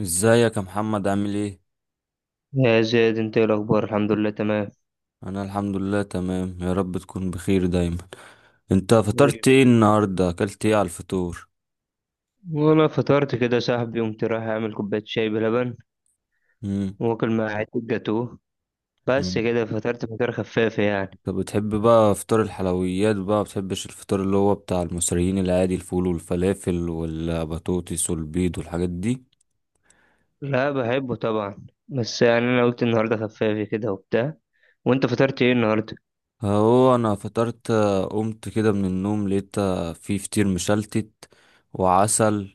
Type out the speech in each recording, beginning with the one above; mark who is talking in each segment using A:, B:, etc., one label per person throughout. A: ازيك يا محمد، عامل ايه؟
B: يا زياد، انت ايه الاخبار؟ الحمد لله تمام.
A: انا الحمد لله تمام، يا رب تكون بخير دايما. انت فطرت
B: حبيبي.
A: ايه النهارده؟ اكلت ايه على الفطور؟
B: وانا فطرت كده صاحبي، قمت رايح اعمل كوبايه شاي بلبن
A: امم.
B: واكل مع حته جاتوه. بس كده فطرت فطار خفافه يعني.
A: انت بتحب بقى فطار الحلويات بقى ما بتحبش الفطار اللي هو بتاع المصريين العادي، الفول والفلافل والبطاطس والبيض والحاجات دي؟
B: لا، بحبه طبعا، بس يعني انا قلت النهارده خفافي كده وبتاع. وانت فطرت ايه النهارده؟
A: هو انا فطرت، قمت كده من النوم لقيت في فطير مشلتت وعسل،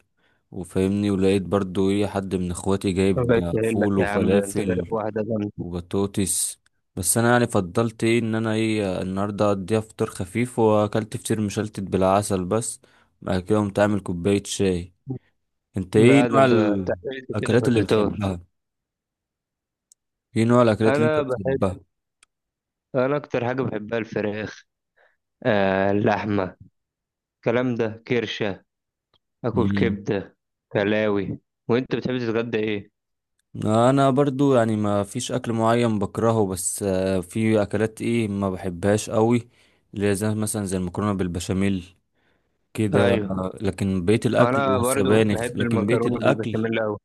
A: وفاهمني، ولقيت برضو ايه حد من اخواتي جايب
B: بس قايل لك
A: فول
B: يا عم، ده انت
A: وفلافل
B: ضارب واحده جامده.
A: وبطاطس. بس انا يعني فضلت ايه ان انا ايه النهارده اقضيها فطار خفيف، واكلت فطير مشلتت بالعسل بس. بعد كده قمت عامل كوبايه شاي. انت ايه
B: لا ده
A: نوع
B: انت تعبت كده في
A: الاكلات اللي
B: الفطار.
A: بتحبها؟ ايه نوع الاكلات اللي انت
B: انا بحب
A: بتحبها؟
B: انا اكتر حاجه بحبها الفراخ. آه، اللحمه، الكلام ده، كرشه، اكل
A: مم.
B: كبده، كلاوي. وانت بتحب تتغدى ايه؟
A: انا برضو يعني ما فيش اكل معين بكرهه، بس في اكلات ايه ما بحبهاش قوي، اللي هي زي مثلا زي المكرونه بالبشاميل كده،
B: ايوه،
A: لكن بقيه الاكل
B: انا برضو
A: والسبانخ،
B: بحب
A: لكن بقيه
B: المكرونه
A: الاكل
B: بالبشاميل قوي.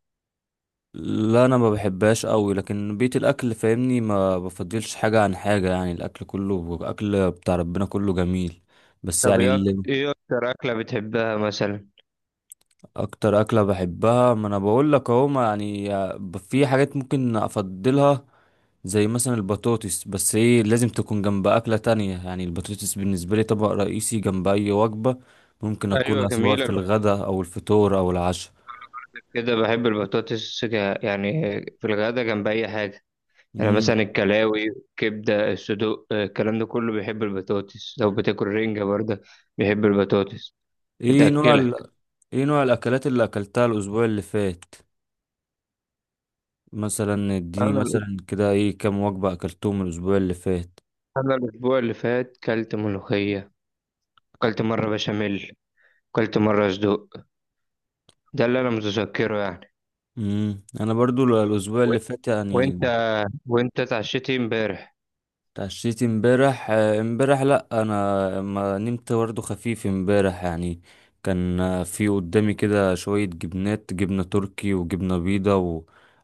A: لا، انا ما بحبهاش قوي، لكن بيت الاكل فاهمني ما بفضلش حاجه عن حاجه، يعني الاكل كله اكل بتاع ربنا كله جميل. بس
B: طب
A: يعني
B: ايه
A: اللي
B: إيه اكتر اكله بتحبها مثلا؟
A: اكتر اكله بحبها، ما انا بقول لك اهو، ما يعني في حاجات ممكن افضلها، زي مثلا البطاطس، بس ايه لازم تكون جنب اكله تانية، يعني البطاطس بالنسبه لي طبق رئيسي جنب اي وجبه، ممكن
B: ايوه
A: اكلها سواء
B: جميله.
A: في الغداء او الفطور او العشاء.
B: كده بحب البطاطس، يعني في الغدا جنب اي حاجه. يعني
A: امم.
B: مثلا الكلاوي، كبده، الصدوق، الكلام ده كله بيحب البطاطس. لو بتاكل رنجه برضه بيحب البطاطس.
A: ايه نوع
B: بتاكلك.
A: ال... ايه نوع الاكلات اللي اكلتها الاسبوع اللي فات؟ مثلا اديني
B: انا
A: مثلا كده، ايه كام وجبة اكلتهم الاسبوع اللي فات؟
B: انا الاسبوع اللي فات كلت ملوخيه، كلت مره بشاميل، كلت مره صدوق. ده اللي انا متذكره يعني.
A: امم. انا برضو الاسبوع
B: و-
A: اللي فات، يعني
B: وانت وانت اتعشيتي امبارح؟
A: اتعشيت امبارح لا انا ما نمت، برضو خفيف امبارح يعني. كان في قدامي كده شوية جبنات، جبنة تركي وجبنة بيضة،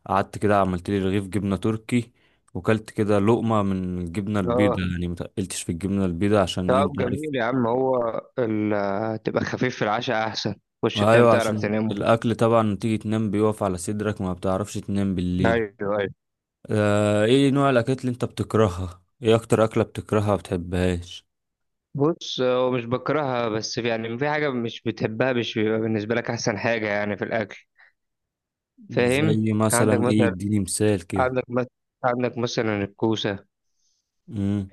A: وقعدت كده عملت لي رغيف جبنة تركي، وكلت كده لقمة من الجبنة
B: اه.
A: البيضة، يعني متقلتش في الجبنة البيضة عشان ايه، انت
B: طب
A: عارف.
B: جميل يا عم، هو تبقى خفيف في العشاء احسن. خش تنام،
A: ايوه،
B: تعرف
A: عشان
B: تنام.
A: الاكل طبعا تيجي تنام بيقف على صدرك، ما بتعرفش تنام بالليل.
B: ايوه، ايوه.
A: ايه نوع الاكلات اللي انت بتكرهها؟ ايه اكتر اكله بتكرهها، ما بتحبهاش؟
B: بص هو مش بكرهها، بس يعني في حاجه مش بتحبها، مش بيبقى بالنسبه لك احسن حاجه يعني في الاكل، فاهم؟
A: زي
B: عندك
A: مثلا ايه،
B: مثلا،
A: اديني مثال كده.
B: عندك مثلا عندك مثلا الكوسه.
A: امم.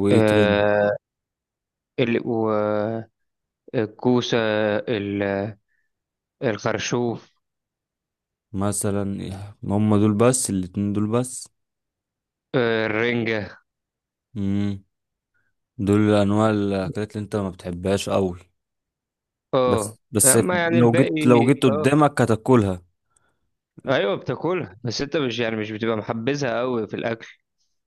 A: وايه تاني؟
B: آه ال... و... الكوسه، ال... الخرشوف،
A: مثلا إيه؟ هم دول بس؟ الاتنين دول بس؟
B: الرنجه.
A: امم. دول انواع الاكلات اللي انت ما بتحبهاش قوي؟
B: اه،
A: بس بس؟
B: اما يعني
A: لو
B: الباقي.
A: جيت لو جيت
B: اه،
A: قدامك هتاكلها؟
B: ايوه بتاكلها، بس انت مش يعني مش بتبقى محبذها قوي في الاكل.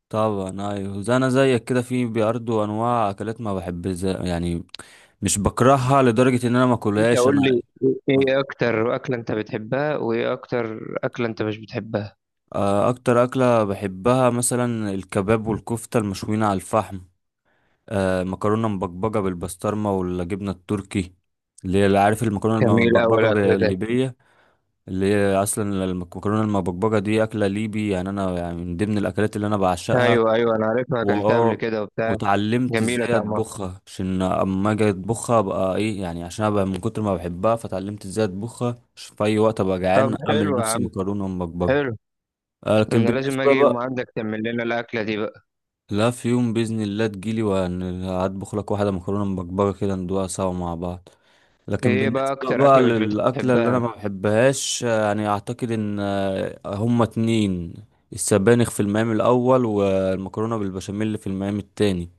A: طبعا، ايوه، زي انا زيك كده، في برضه انواع اكلات ما بحب زي يعني، مش بكرهها لدرجه ان انا ما
B: انت
A: اكلهاش
B: قول
A: انا.
B: لي، ايه اكتر اكله انت بتحبها وايه اكتر اكله انت مش بتحبها؟
A: اكتر اكله بحبها مثلا الكباب والكفته المشويين على الفحم، مكرونه مبكبجه بالبسطرمه والجبنه التركي، اللي هي اللي عارف المكرونه
B: جميل قوي الاكل
A: المبكبجه
B: ده.
A: الليبيه، اللي هي اصلا المكرونه المبكبجه دي اكله ليبي، يعني انا يعني من ضمن الاكلات اللي انا بعشقها.
B: ايوه، ايوه، انا عارفها، اكلتها قبل
A: واه،
B: كده وبتاع.
A: واتعلمت
B: جميله
A: ازاي
B: طعمها.
A: اطبخها، عشان اما اجي اطبخها ابقى ايه، يعني عشان ابقى من كتر ما بحبها، فتعلمت ازاي اطبخها عشان في اي وقت ابقى
B: طب
A: جعان اعمل
B: حلو يا
A: لنفسي
B: عم.
A: مكرونه ومبكبكه.
B: حلو.
A: لكن
B: انا لازم
A: بالنسبه
B: اجي يوم
A: بقى،
B: عندك تعمل لنا الاكله دي بقى.
A: لا، في يوم باذن الله تجيلي وهطبخ لك واحده مكرونه مبكبكه كده، ندوقها سوا مع بعض. لكن
B: ايه بقى
A: بالنسبه
B: اكتر
A: بقى
B: اكله مش
A: للاكله اللي انا
B: بتحبها؟
A: ما بحبهاش، يعني اعتقد ان هما اتنين، السبانخ في المقام الاول، والمكرونه بالبشاميل في المقام التاني.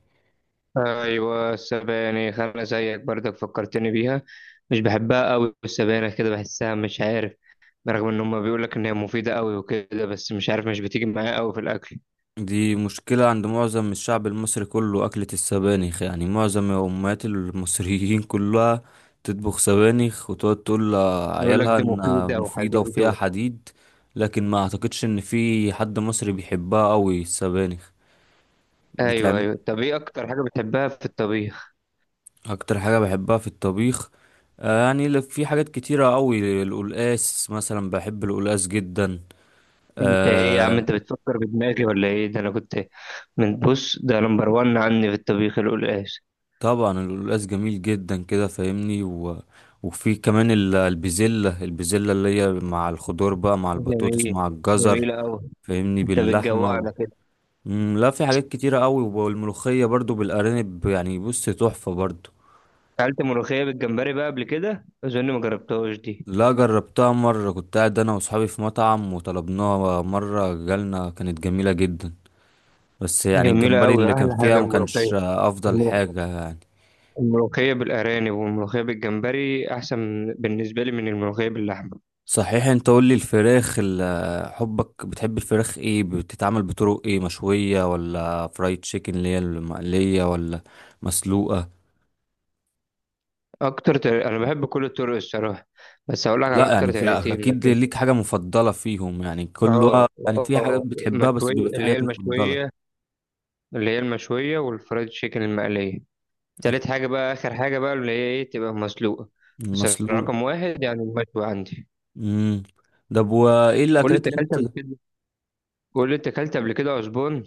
B: ايوه، السبانخ، انا زيك برضك فكرتني بيها. مش بحبها قوي السبانخ، كده بحسها مش عارف. رغم ان هم بيقول لك ان هي مفيده قوي وكده، بس مش عارف مش بتيجي معايا قوي في الاكل.
A: دي مشكلة عند معظم الشعب المصري كله، أكلة السبانخ، يعني معظم أمهات المصريين كلها تطبخ سبانخ وتقعد تقول
B: بيقول لك
A: لعيالها
B: دي
A: إنها
B: مفيده
A: مفيدة
B: وحديد
A: وفيها حديد، لكن ما أعتقدش إن في حد مصري بيحبها أوي السبانخ.
B: ايوه،
A: بتعمل
B: ايوه. طب ايه اكتر حاجه بتحبها في الطبيخ؟
A: أكتر حاجة بحبها في الطبيخ؟ يعني في حاجات كتيرة أوي، القلقاس مثلا، بحب القلقاس جدا.
B: انت ايه يا عم،
A: آه،
B: انت بتفكر بدماغي ولا ايه؟ ده انا كنت من بص ده نمبر وان عني في الطبيخ القلقاس.
A: طبعا القلقاس جميل جدا كده، فاهمني، وفي كمان البزلة اللي هي مع الخضار بقى، مع البطاطس،
B: جميل.
A: مع الجزر،
B: جميله قوي.
A: فاهمني،
B: انت
A: باللحمة،
B: بتجوعنا كده.
A: مم، لا، في حاجات كتيرة قوي، والملوخية برضو بالأرانب، يعني بص تحفة برضو.
B: اكلت ملوخيه بالجمبري بقى قبل كده؟ اظن ما جربتهاش دي.
A: لا، جربتها مرة، كنت قاعد أنا وأصحابي في مطعم وطلبناها، مرة جالنا كانت جميلة جدا، بس يعني
B: جميله
A: الجمبري
B: قوي،
A: اللي كان
B: احلى
A: فيها
B: حاجه
A: ما
B: الملوخيه.
A: كانش أفضل
B: الملو-
A: حاجة يعني.
B: الملوخيه بالارانب والملوخيه بالجمبري احسن بالنسبه لي من الملوخيه باللحمه.
A: صحيح، انت قول لي الفراخ ال- حبك بتحب الفراخ ايه، بتتعمل بطرق ايه، مشوية ولا فرايد تشيكن اللي هي المقلية ولا مسلوقة؟
B: اكتر طريق، انا بحب كل الطرق الصراحه، بس هقول لك على
A: لا
B: اكتر
A: يعني في،
B: طريقتين
A: اكيد
B: مثلا.
A: ليك حاجة مفضلة فيهم، يعني كل
B: اه،
A: وقت يعني في حاجات
B: اه.
A: بتحبها، بس بيبقى في
B: اللي هي
A: حاجات مفضلة.
B: المشويه، والفرايد تشيكن المقليه. تالت حاجه بقى، اخر حاجه بقى اللي هي تبقى مسلوقه. بس
A: المسلوق.
B: رقم واحد يعني المشوي عندي.
A: امم. ده، وايه
B: قول لي
A: الاكلات
B: انت
A: اللي
B: اكلت
A: انت؟
B: قبل كده قول لي انت اكلت قبل كده عزبون.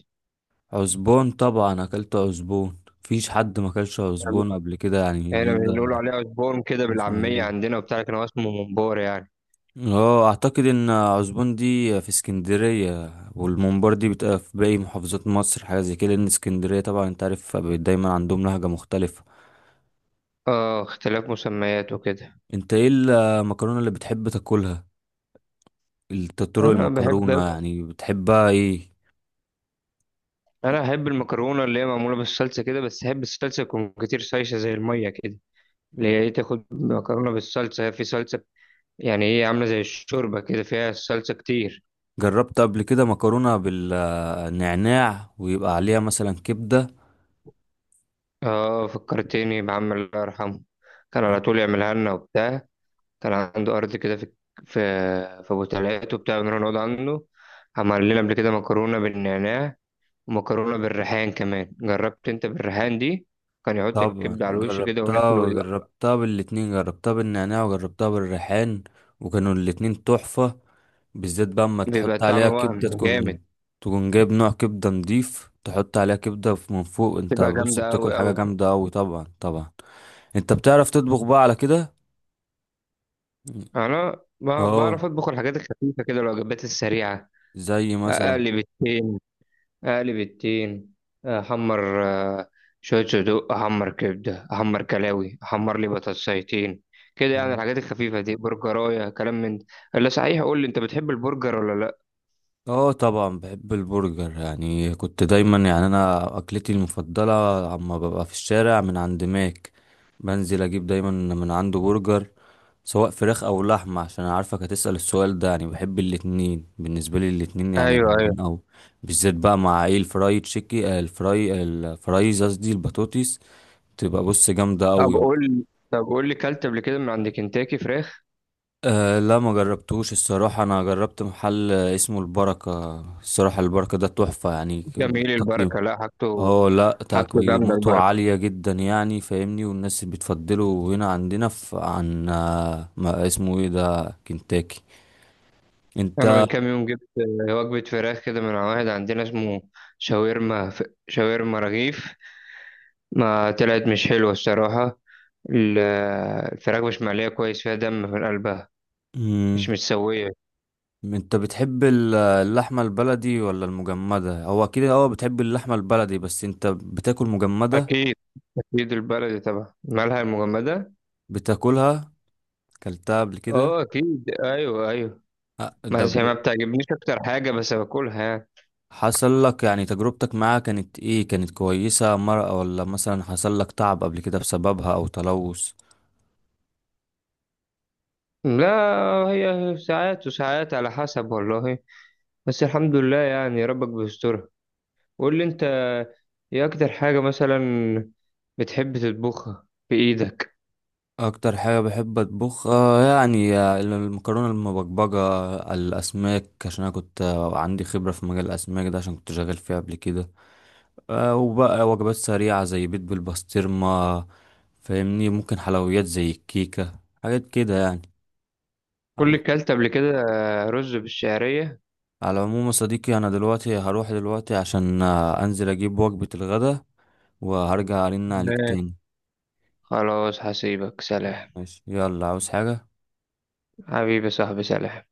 A: عزبون؟ طبعا اكلت عزبون، مفيش حد ما اكلش عزبون قبل كده يعني.
B: احنا بنقول عليه عزبون كده بالعاميه
A: ده
B: عندنا وبتاع، لكن هو اسمه ممبار يعني.
A: اه، اعتقد ان عزبون دي في اسكندرية، والممبار دي بتبقى في باقي محافظات مصر، حاجة زي كده، لان اسكندرية طبعا انت عارف دايما عندهم لهجة مختلفة.
B: اه، اختلاف مسميات وكده.
A: انت ايه المكرونة اللي بتحب تاكلها؟ طرق
B: انا
A: المكرونة
B: بحب
A: يعني بتحبها ايه؟
B: انا احب المكرونه اللي هي معموله بالصلصه كده، بس احب الصلصه تكون كتير سايشه زي الميه كده. اللي هي تاخد مكرونه بالصلصه، هي في صلصه. يعني هي عامله زي الشوربه كده فيها الصلصه كتير.
A: جربت قبل كده مكرونة بالنعناع ويبقى عليها مثلا كبدة؟
B: اه، فكرتني بعم الله يرحمه. كان على طول يعملها لنا وبتاع. كان عنده ارض كده في في ابو تلات وبتاع، بنروح نقعد عنده. عمل لنا قبل كده مكرونه بالنعناع، ومكرونه بالريحان كمان، جربت انت بالريحان دي؟ كان يحط
A: طبعا
B: الكبده على الوش كده
A: جربتها،
B: وناكل، ويبقى
A: وجربتها بالاتنين، جربتها بالنعناع، وجربتها بالريحان، وكانوا الاتنين تحفة، بالذات بقى اما
B: بيبقى
A: تحط
B: الطعم
A: عليها كبدة
B: وهم جامد.
A: تكون. جايب نوع كبدة نضيف، تحط عليها كبدة من فوق، انت
B: تبقى
A: بص
B: جامدة
A: بتاكل
B: أوي
A: حاجة
B: أوي.
A: جامدة اوي، طبعا طبعا. انت بتعرف تطبخ بقى على كده؟
B: أنا بعرف
A: اه،
B: أطبخ الحاجات الخفيفة كده، الوجبات السريعة.
A: زي مثلا؟
B: أقلب التين أقلب التين أحمر، شوية صدوق أحمر، كبدة أحمر، كلاوي أحمر، لي بطاطسايتين كده يعني. الحاجات الخفيفة دي برجراية كلام من ده. إلا صحيح، قول لي أنت بتحب البرجر ولا لأ؟
A: اه، طبعا بحب البرجر، يعني كنت دايما يعني انا اكلتي المفضله عما ببقى في الشارع من عند ماك، بنزل اجيب دايما من عنده برجر، سواء فراخ او لحمه، عشان أنا عارفك هتسأل السؤال ده، يعني بحب الاتنين، بالنسبه لي الاتنين يعني
B: ايوه، ايوه.
A: جامدين اوي، بالذات بقى مع ايه الفراي تشيكي، الفراي، الفرايز قصدي، البطاطس، تبقى بص جامده
B: طب
A: اوي.
B: قول طب قول لي، كلت قبل كده من عند كنتاكي فراخ؟
A: أه لا، ما جربتوش الصراحة، أنا جربت محل اسمه البركة، الصراحة البركة ده تحفة يعني.
B: جميل
A: تقييم؟
B: البركة، لا حاجته.
A: اه لا،
B: حاجته جامدة
A: تقييماته
B: البركة.
A: عالية جدا، يعني فاهمني، والناس بتفضله هنا عندنا في عن ما اسمه ايه ده، كنتاكي. انت.
B: انا من كام يوم جبت وجبه فراخ كده من واحد عندنا اسمه شاورما، شاورما رغيف. ما طلعت مش حلوه الصراحه. الفراخ مش مقليه كويس، فيها دم من قلبها،
A: مم.
B: مش متسويه.
A: انت بتحب اللحمة البلدي ولا المجمدة؟ هو اكيد اه بتحب اللحمة البلدي، بس انت بتاكل مجمدة؟
B: اكيد. اكيد البلدي طبعا، مالها المجمده.
A: بتاكلها؟ كلتها قبل كده؟
B: اه اكيد، ايوه، ايوه.
A: ده
B: بس هي ما بتعجبنيش اكتر حاجه، بس باكلها يعني.
A: حصل لك يعني تجربتك معاها كانت ايه، كانت كويسة مرة، ولا مثلا حصل لك تعب قبل كده بسببها او تلوث؟
B: لا، هي ساعات وساعات على حسب والله. بس الحمد لله يعني، ربك بيسترها. قول لي انت، ايه اكتر حاجة مثلا بتحب تطبخها بإيدك؟
A: اكتر حاجه بحب اطبخها يعني المكرونه المبكبجه، الاسماك عشان انا كنت عندي خبره في مجال الاسماك ده، عشان كنت شغال فيه قبل كده، وبقى وجبات سريعه زي بيض بالبسطرمه، فاهمني، ممكن حلويات زي الكيكه، حاجات كده يعني. على
B: كلت قبل كده رز بالشعرية.
A: على العموم يا صديقي انا دلوقتي هروح دلوقتي، عشان انزل اجيب وجبه الغدا، وهرجع ارن عليك
B: لا.
A: تاني.
B: خلاص هسيبك، سلام.
A: ماشي، يلا، عاوز حاجه؟
B: حبيبي صاحبي، سلام.